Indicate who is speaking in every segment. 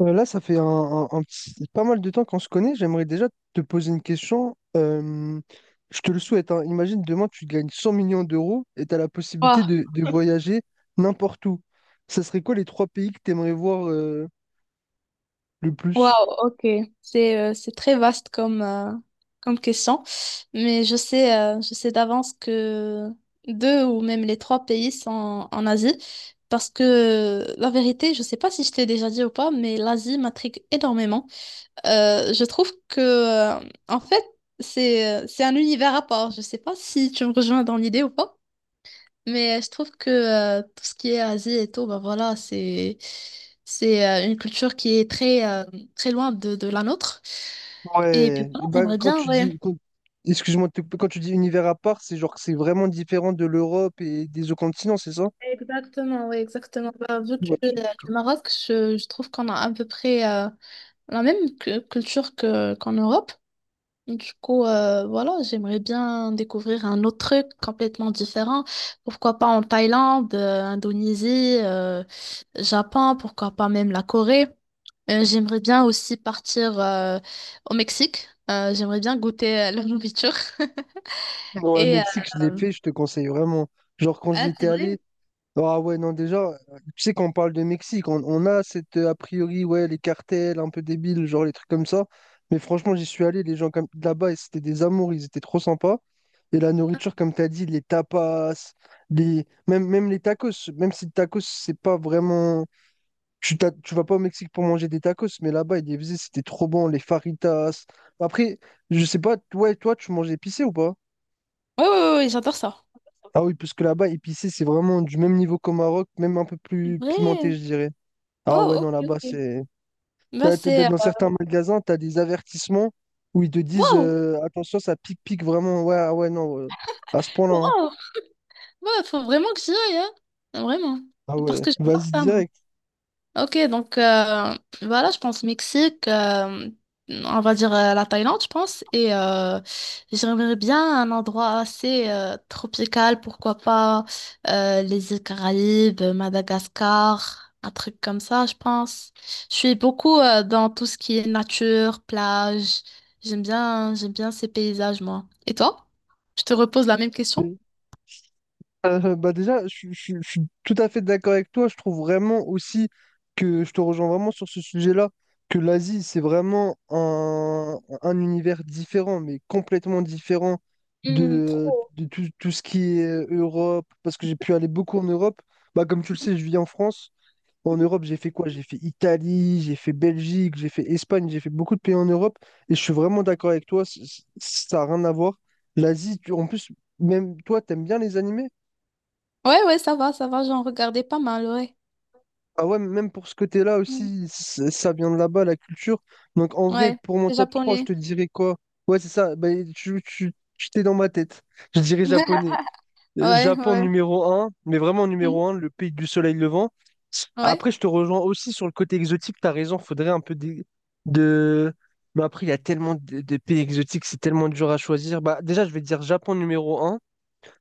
Speaker 1: Là, ça fait pas mal de temps qu'on se connaît. J'aimerais déjà te poser une question. Je te le souhaite, hein. Imagine demain, tu gagnes 100 millions d'euros et tu as la possibilité
Speaker 2: Waouh,
Speaker 1: de voyager n'importe où. Ça serait quoi les trois pays que tu aimerais voir le plus?
Speaker 2: ok. C'est très vaste comme, comme question. Mais je sais d'avance que deux ou même les trois pays sont en Asie. Parce que la vérité, je sais pas si je t'ai déjà dit ou pas, mais l'Asie m'intrigue énormément. Je trouve que, en fait, c'est un univers à part. Je sais pas si tu me rejoins dans l'idée ou pas. Mais je trouve que tout ce qui est Asie et tout, bah voilà, c'est une culture qui est très très loin de la nôtre. Et puis
Speaker 1: Ouais,
Speaker 2: voilà,
Speaker 1: bah,
Speaker 2: j'aimerais
Speaker 1: quand
Speaker 2: bien,
Speaker 1: tu
Speaker 2: ouais.
Speaker 1: dis, quand- excuse-moi, de te couper, quand tu dis univers à part, c'est genre que c'est vraiment différent de l'Europe et des autres continents, c'est ça?
Speaker 2: Exactement, oui, exactement. Bah, vu que
Speaker 1: Ouais, je
Speaker 2: je suis
Speaker 1: suis
Speaker 2: du Maroc, je trouve qu'on a à peu près la même culture que qu'en Europe. Du coup, voilà, j'aimerais bien découvrir un autre truc complètement différent. Pourquoi pas en Thaïlande, Indonésie, Japon, pourquoi pas même la Corée. J'aimerais bien aussi partir au Mexique. J'aimerais bien goûter leur nourriture.
Speaker 1: d'accord. Ouais,
Speaker 2: Et
Speaker 1: Mexique, je l'ai fait, je te conseille vraiment. Genre, quand j'y
Speaker 2: ah, c'est
Speaker 1: étais allé.
Speaker 2: vrai?
Speaker 1: Ah ouais, non, déjà, tu sais qu'on parle de Mexique, on a cette, a priori, ouais, les cartels un peu débiles, genre les trucs comme ça. Mais franchement, j'y suis allé, les gens comme là-bas, et c'était des amours, ils étaient trop sympas. Et la nourriture, comme tu as dit, les tapas. Même les tacos, même si le tacos, c'est pas vraiment. Tu vas pas au Mexique pour manger des tacos, mais là-bas, ils les faisaient, c'était trop bon, les faritas. Après, je sais pas, ouais, toi, tu manges épicé ou pas?
Speaker 2: Oui, oui, oui, j'adore ça.
Speaker 1: Ah oui, parce que là-bas, épicé, c'est vraiment du même niveau qu'au Maroc, même un peu
Speaker 2: C'est
Speaker 1: plus pimenté,
Speaker 2: vrai?
Speaker 1: je dirais. Ah
Speaker 2: Wow,
Speaker 1: ouais, non,
Speaker 2: ok,
Speaker 1: là-bas,
Speaker 2: ok.
Speaker 1: c'est.
Speaker 2: Bah, c'est...
Speaker 1: Dans certains magasins, tu as des avertissements où ils te disent
Speaker 2: Wow!
Speaker 1: attention, ça pique-pique vraiment. Ouais, ah ouais, non, à ce point-là, hein.
Speaker 2: Wow! Ouais, faut vraiment que j'y aille, hein. Vraiment.
Speaker 1: Ah
Speaker 2: Parce
Speaker 1: ouais,
Speaker 2: que j'adore
Speaker 1: vas-y
Speaker 2: ça, moi.
Speaker 1: direct.
Speaker 2: Ok, donc voilà, je pense Mexique, on va dire la Thaïlande, je pense, et j'aimerais bien un endroit assez tropical, pourquoi pas les îles Caraïbes, Madagascar, un truc comme ça, je pense. Je suis beaucoup dans tout ce qui est nature, plage, j'aime bien ces paysages, moi. Et toi? Je te repose la même question?
Speaker 1: Bah déjà, je suis tout à fait d'accord avec toi. Je trouve vraiment aussi que je te rejoins vraiment sur ce sujet-là, que l'Asie, c'est vraiment un univers différent, mais complètement différent
Speaker 2: Hmm,
Speaker 1: de,
Speaker 2: trop.
Speaker 1: de tout ce qui est Europe, parce que j'ai pu aller beaucoup en Europe. Bah, comme tu le sais, je vis en France. En Europe, j'ai fait quoi? J'ai fait Italie, j'ai fait Belgique, j'ai fait Espagne, j'ai fait beaucoup de pays en Europe. Et je suis vraiment d'accord avec toi, ça n'a rien à voir. L'Asie, en plus, même toi, t'aimes bien les animés?
Speaker 2: Ouais, ouais, ça va, j'en regardais pas mal, ouais.
Speaker 1: Ah ouais, même pour ce côté-là
Speaker 2: Hmm.
Speaker 1: aussi, ça vient de là-bas, la culture. Donc en vrai,
Speaker 2: Ouais,
Speaker 1: pour mon
Speaker 2: les
Speaker 1: top 3, je
Speaker 2: Japonais.
Speaker 1: te dirais quoi? Ouais, c'est ça, bah, tu, tu, tu t'es dans ma tête. Je dirais japonais.
Speaker 2: Ouais,
Speaker 1: Japon
Speaker 2: ouais.
Speaker 1: numéro un, mais vraiment
Speaker 2: Mhm.
Speaker 1: numéro un, le pays du soleil levant.
Speaker 2: Ouais.
Speaker 1: Après, je te rejoins aussi sur le côté exotique, t'as raison, faudrait un peu de- Mais après, il y a tellement de pays exotiques, c'est tellement dur à choisir. Bah, déjà, je vais dire Japon numéro un,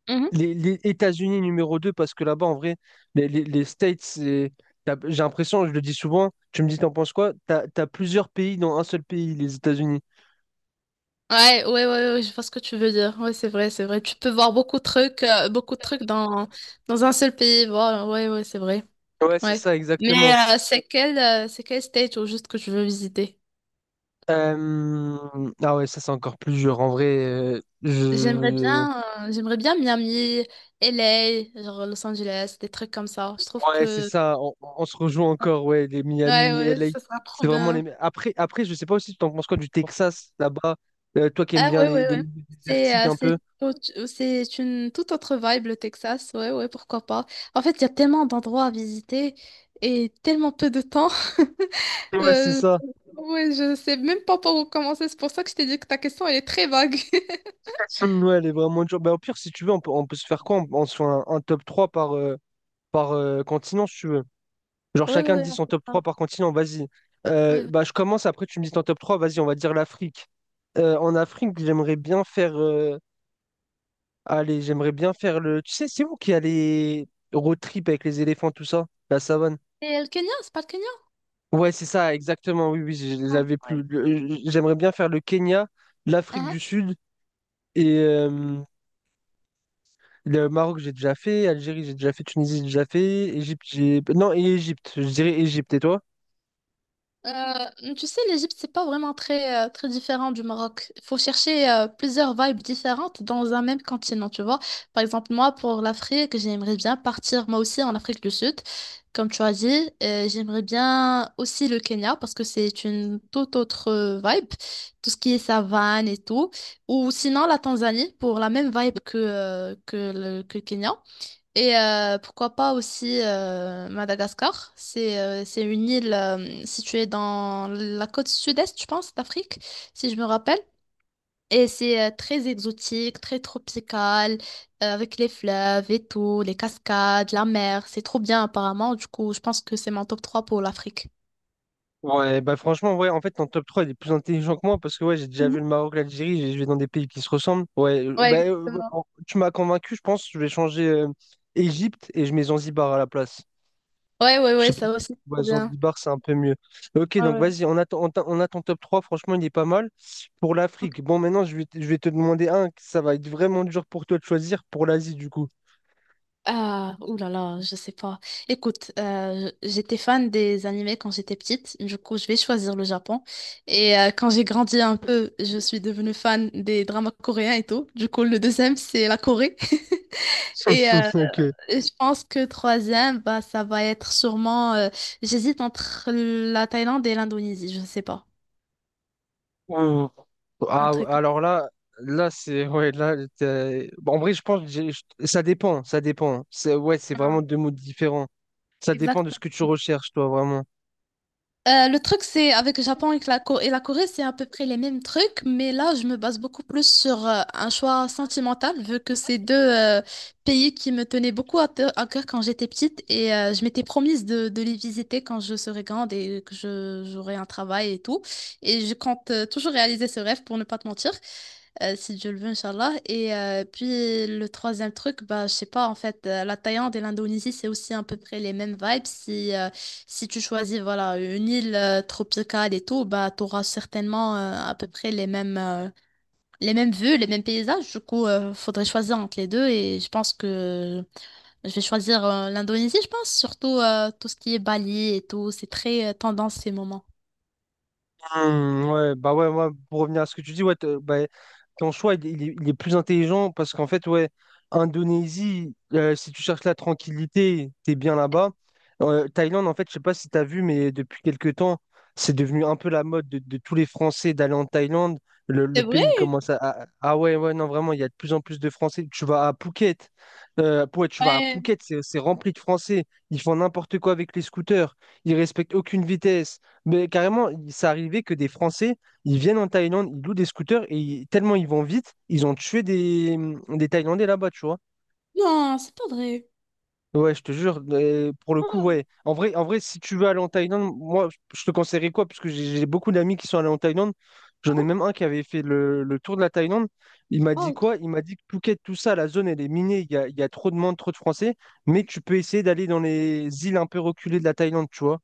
Speaker 2: Mhm.
Speaker 1: les États-Unis numéro 2 parce que là-bas, en vrai, les States, j'ai l'impression, je le dis souvent, tu me dis, t'en penses quoi? T'as plusieurs pays dans un seul pays, les États-Unis.
Speaker 2: Ouais, ouais, ouais, ouais, je vois ce que tu veux dire. Ouais, c'est vrai, c'est vrai. Tu peux voir beaucoup de trucs dans un seul pays. Voilà, ouais, ouais, c'est vrai.
Speaker 1: Ouais, c'est
Speaker 2: Ouais.
Speaker 1: ça,
Speaker 2: Mais
Speaker 1: exactement.
Speaker 2: c'est quel state au juste que tu veux visiter?
Speaker 1: Ah ouais, ça c'est encore plus dur. En vrai, euh, je...
Speaker 2: J'aimerais bien Miami, LA genre Los Angeles, des trucs comme ça. Je trouve
Speaker 1: Ouais, c'est
Speaker 2: que,
Speaker 1: ça. On se rejoint encore, ouais, les
Speaker 2: ouais,
Speaker 1: Miami,
Speaker 2: ouais,
Speaker 1: LA.
Speaker 2: ça sera trop bien.
Speaker 1: Après, je sais pas aussi, tu en penses quoi du Texas, là-bas? Toi qui aimes
Speaker 2: Ah
Speaker 1: bien
Speaker 2: ouais,
Speaker 1: les,
Speaker 2: ouais,
Speaker 1: les
Speaker 2: ouais.
Speaker 1: milieux désertiques un
Speaker 2: C'est
Speaker 1: peu.
Speaker 2: c'est une toute autre vibe, le Texas. Ouais, ouais, pourquoi pas. En fait, il y a tellement d'endroits à visiter et tellement peu de temps.
Speaker 1: Ouais, c'est
Speaker 2: Euh,
Speaker 1: ça.
Speaker 2: ouais, je sais même pas par où commencer. C'est pour ça que je t'ai dit que ta question, elle est très vague.
Speaker 1: Ouais, elle est vraiment dure. Bah, au pire, si tu veux, on peut se faire quoi? On se fait un top 3 par continent, si tu veux. Genre
Speaker 2: Ouais, ouais,
Speaker 1: chacun
Speaker 2: ouais,
Speaker 1: dit
Speaker 2: on
Speaker 1: son
Speaker 2: fait
Speaker 1: top
Speaker 2: ça.
Speaker 1: 3 par continent, vas-y. Euh,
Speaker 2: Ouais.
Speaker 1: bah, je commence, après tu me dis ton top 3 vas-y, on va dire l'Afrique. En Afrique, j'aimerais bien faire. Allez, j'aimerais bien faire le. Tu sais, c'est vous qui allez road trip avec les éléphants, tout ça, la savane.
Speaker 2: Et le Kenya, c'est pas le Kenya?
Speaker 1: Ouais, c'est ça, exactement, oui, oui, je les
Speaker 2: Ah,
Speaker 1: avais
Speaker 2: ouais.
Speaker 1: plus. J'aimerais bien faire le Kenya, l'Afrique du Sud et. Le Maroc, j'ai déjà fait. Algérie, j'ai déjà fait. Tunisie, j'ai déjà fait. Égypte, j'ai. Non, et Égypte. Je dirais Égypte. Et toi?
Speaker 2: Tu sais, l'Égypte, c'est pas vraiment très, très différent du Maroc. Il faut chercher plusieurs vibes différentes dans un même continent, tu vois. Par exemple, moi, pour l'Afrique, j'aimerais bien partir, moi aussi, en Afrique du Sud, comme tu as dit. J'aimerais bien aussi le Kenya, parce que c'est une toute autre vibe, tout ce qui est savane et tout. Ou sinon, la Tanzanie, pour la même vibe que le Kenya. Et pourquoi pas aussi Madagascar. C'est une île située dans la côte sud-est, je pense, d'Afrique, si je me rappelle. Et c'est très exotique, très tropical, avec les fleuves et tout, les cascades, la mer. C'est trop bien apparemment. Du coup, je pense que c'est mon top 3 pour l'Afrique.
Speaker 1: Ouais, bah franchement, ouais, en fait, ton top trois il est plus intelligent que moi parce que ouais, j'ai déjà
Speaker 2: Mhm.
Speaker 1: vu le Maroc, l'Algérie, je vais dans des pays qui se ressemblent. Ouais,
Speaker 2: Ouais,
Speaker 1: bah,
Speaker 2: exactement.
Speaker 1: bon, tu m'as convaincu, je pense, je vais changer Égypte et je mets Zanzibar à la place.
Speaker 2: Ouais, ouais,
Speaker 1: Je
Speaker 2: ouais,
Speaker 1: sais pas.
Speaker 2: ça aussi, c'est
Speaker 1: Ouais,
Speaker 2: trop bien.
Speaker 1: Zanzibar, c'est un peu mieux. Ok,
Speaker 2: Ouais,
Speaker 1: donc
Speaker 2: ouais.
Speaker 1: vas-y, on a ton top 3. Franchement, il est pas mal. Pour l'Afrique, bon, maintenant, je vais te demander un. Que Ça va être vraiment dur pour toi de choisir pour l'Asie, du coup.
Speaker 2: Ah, ouh là là, je sais pas. Écoute, j'étais fan des animés quand j'étais petite, du coup je vais choisir le Japon. Et quand j'ai grandi un peu, je suis devenue fan des dramas coréens et tout. Du coup le deuxième c'est la Corée. Et
Speaker 1: Ok.
Speaker 2: je pense que troisième, bah ça va être sûrement. J'hésite entre la Thaïlande et l'Indonésie, je sais pas.
Speaker 1: Ouh.
Speaker 2: Un
Speaker 1: Ah,
Speaker 2: truc.
Speaker 1: alors là, là, c'est. Ouais, là, bon, en vrai, je pense que ça dépend. Ça dépend. Ouais, c'est vraiment deux mots différents. Ça dépend de ce
Speaker 2: Exactement.
Speaker 1: que tu recherches, toi, vraiment.
Speaker 2: Le truc, c'est avec le Japon et que et la Corée, c'est à peu près les mêmes trucs, mais là, je me base beaucoup plus sur un choix sentimental, vu que c'est deux pays qui me tenaient beaucoup à, à cœur quand j'étais petite et je m'étais promise de les visiter quand je serai grande et que j'aurai un travail et tout. Et je compte toujours réaliser ce rêve pour ne pas te mentir. Si Dieu le veut, Inch'Allah. Et puis le troisième truc, bah, je sais pas, en fait, la Thaïlande et l'Indonésie, c'est aussi à peu près les mêmes vibes. Si, si tu choisis voilà une île tropicale et tout, bah tu auras certainement à peu près les mêmes vues, les mêmes paysages. Du coup, faudrait choisir entre les deux et je pense que je vais choisir l'Indonésie, je pense, surtout tout ce qui est Bali et tout, c'est très tendance ces moments.
Speaker 1: Ouais, bah ouais, moi, pour revenir à ce que tu dis, ouais, bah, ton choix, il est plus intelligent parce qu'en fait, ouais, Indonésie, si tu cherches la tranquillité, t'es bien là-bas. Thaïlande, en fait, je sais pas si t'as vu, mais depuis quelques temps, c'est devenu un peu la mode de tous les Français d'aller en Thaïlande. Le
Speaker 2: C'est vrai?
Speaker 1: pays commence à. Ah ouais, ouais, non, vraiment, il y a de plus en plus de Français. Tu vas à Phuket, ouais, tu vas à
Speaker 2: Ouais.
Speaker 1: Phuket, c'est rempli de Français. Ils font n'importe quoi avec les scooters. Ils respectent aucune vitesse. Mais carrément, ça arrivait que des Français, ils viennent en Thaïlande, ils louent des scooters et tellement ils vont vite, ils ont tué des Thaïlandais là-bas, tu vois.
Speaker 2: Non, c'est pas vrai.
Speaker 1: Ouais, je te jure, pour le coup, ouais. En vrai, si tu veux aller en Thaïlande, moi, je te conseillerais quoi? Parce que j'ai beaucoup d'amis qui sont allés en Thaïlande. J'en ai même un qui avait fait le tour de la Thaïlande. Il m'a dit
Speaker 2: Oh,
Speaker 1: quoi?
Speaker 2: trop-
Speaker 1: Il m'a dit que Phuket, tout ça, la zone, elle est minée. Il y a trop de monde, trop de Français. Mais tu peux essayer d'aller dans les îles un peu reculées de la Thaïlande, tu vois.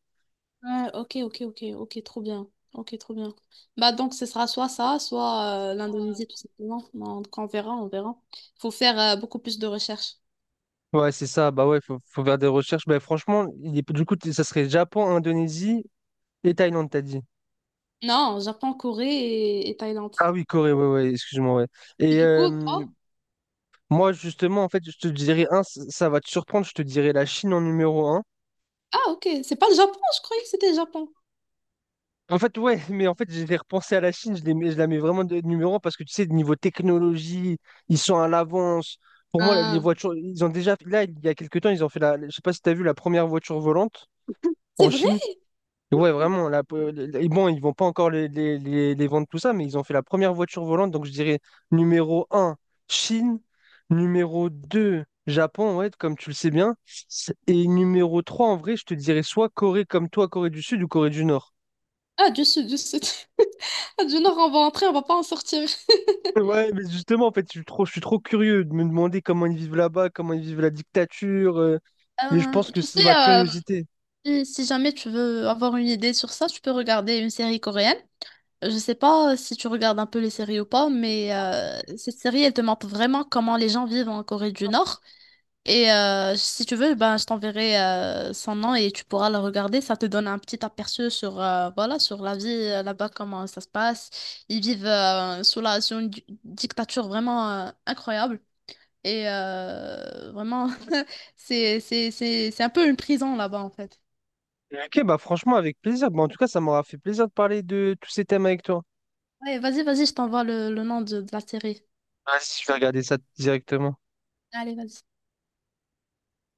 Speaker 2: ouais, ok, ok, ok, ok, trop bien. Ok, trop bien. Bah donc ce sera soit ça, soit l'Indonésie tout simplement. Donc on verra, on verra. Faut faire beaucoup plus de recherches.
Speaker 1: Ouais, c'est ça. Bah ouais, faut faire des recherches. Bah franchement, du coup, ça serait Japon, Indonésie et Thaïlande, t'as dit.
Speaker 2: Non, Japon, Corée et Thaïlande.
Speaker 1: Ah oui, Corée, ouais, ouais, excuse-moi, ouais.
Speaker 2: Et
Speaker 1: Et
Speaker 2: du coup, toi?
Speaker 1: moi, justement, en fait, je te dirais, un, ça va te surprendre, je te dirais la Chine en numéro un.
Speaker 2: Ah, ok. C'est pas le Japon, je croyais que c'était le Japon.
Speaker 1: En fait, ouais, mais en fait, j'ai repensé à la Chine, je la mets vraiment de numéro un parce que tu sais, niveau technologie, ils sont à l'avance. Pour moi, les
Speaker 2: Ah,
Speaker 1: voitures, ils ont déjà, là, il y a quelques temps, ils ont fait je sais pas si t'as vu la première voiture volante
Speaker 2: c'est
Speaker 1: en
Speaker 2: vrai?
Speaker 1: Chine. Ouais, vraiment. Et bon, ils vont pas encore les vendre tout ça, mais ils ont fait la première voiture volante. Donc, je dirais numéro un Chine. Numéro 2 Japon, ouais, comme tu le sais bien. Et numéro 3 en vrai, je te dirais soit Corée comme toi, Corée du Sud ou Corée du Nord.
Speaker 2: Ah, du sud, du sud. Ah, Du nord, on va entrer, on va pas en sortir.
Speaker 1: Ouais, mais justement, en fait, je suis trop curieux de me demander comment ils vivent là-bas, comment ils vivent la dictature. Et je pense que
Speaker 2: Tu sais,
Speaker 1: c'est ma curiosité.
Speaker 2: si jamais tu veux avoir une idée sur ça, tu peux regarder une série coréenne. Je sais pas si tu regardes un peu les séries ou pas, mais cette série, elle te montre vraiment comment les gens vivent en Corée du Nord. Et si tu veux, ben, je t'enverrai son nom et tu pourras le regarder. Ça te donne un petit aperçu sur, voilà, sur la vie là-bas, comment ça se passe. Ils vivent sous sous une dictature vraiment incroyable. Et vraiment, c'est un peu une prison là-bas, en fait.
Speaker 1: Ok, bah franchement, avec plaisir. Bah, en tout cas, ça m'aura fait plaisir de parler de tous ces thèmes avec toi.
Speaker 2: Ouais, vas-y, vas-y, je t'envoie le nom de la série.
Speaker 1: Vas-y, je vais regarder ça directement.
Speaker 2: Allez, vas-y.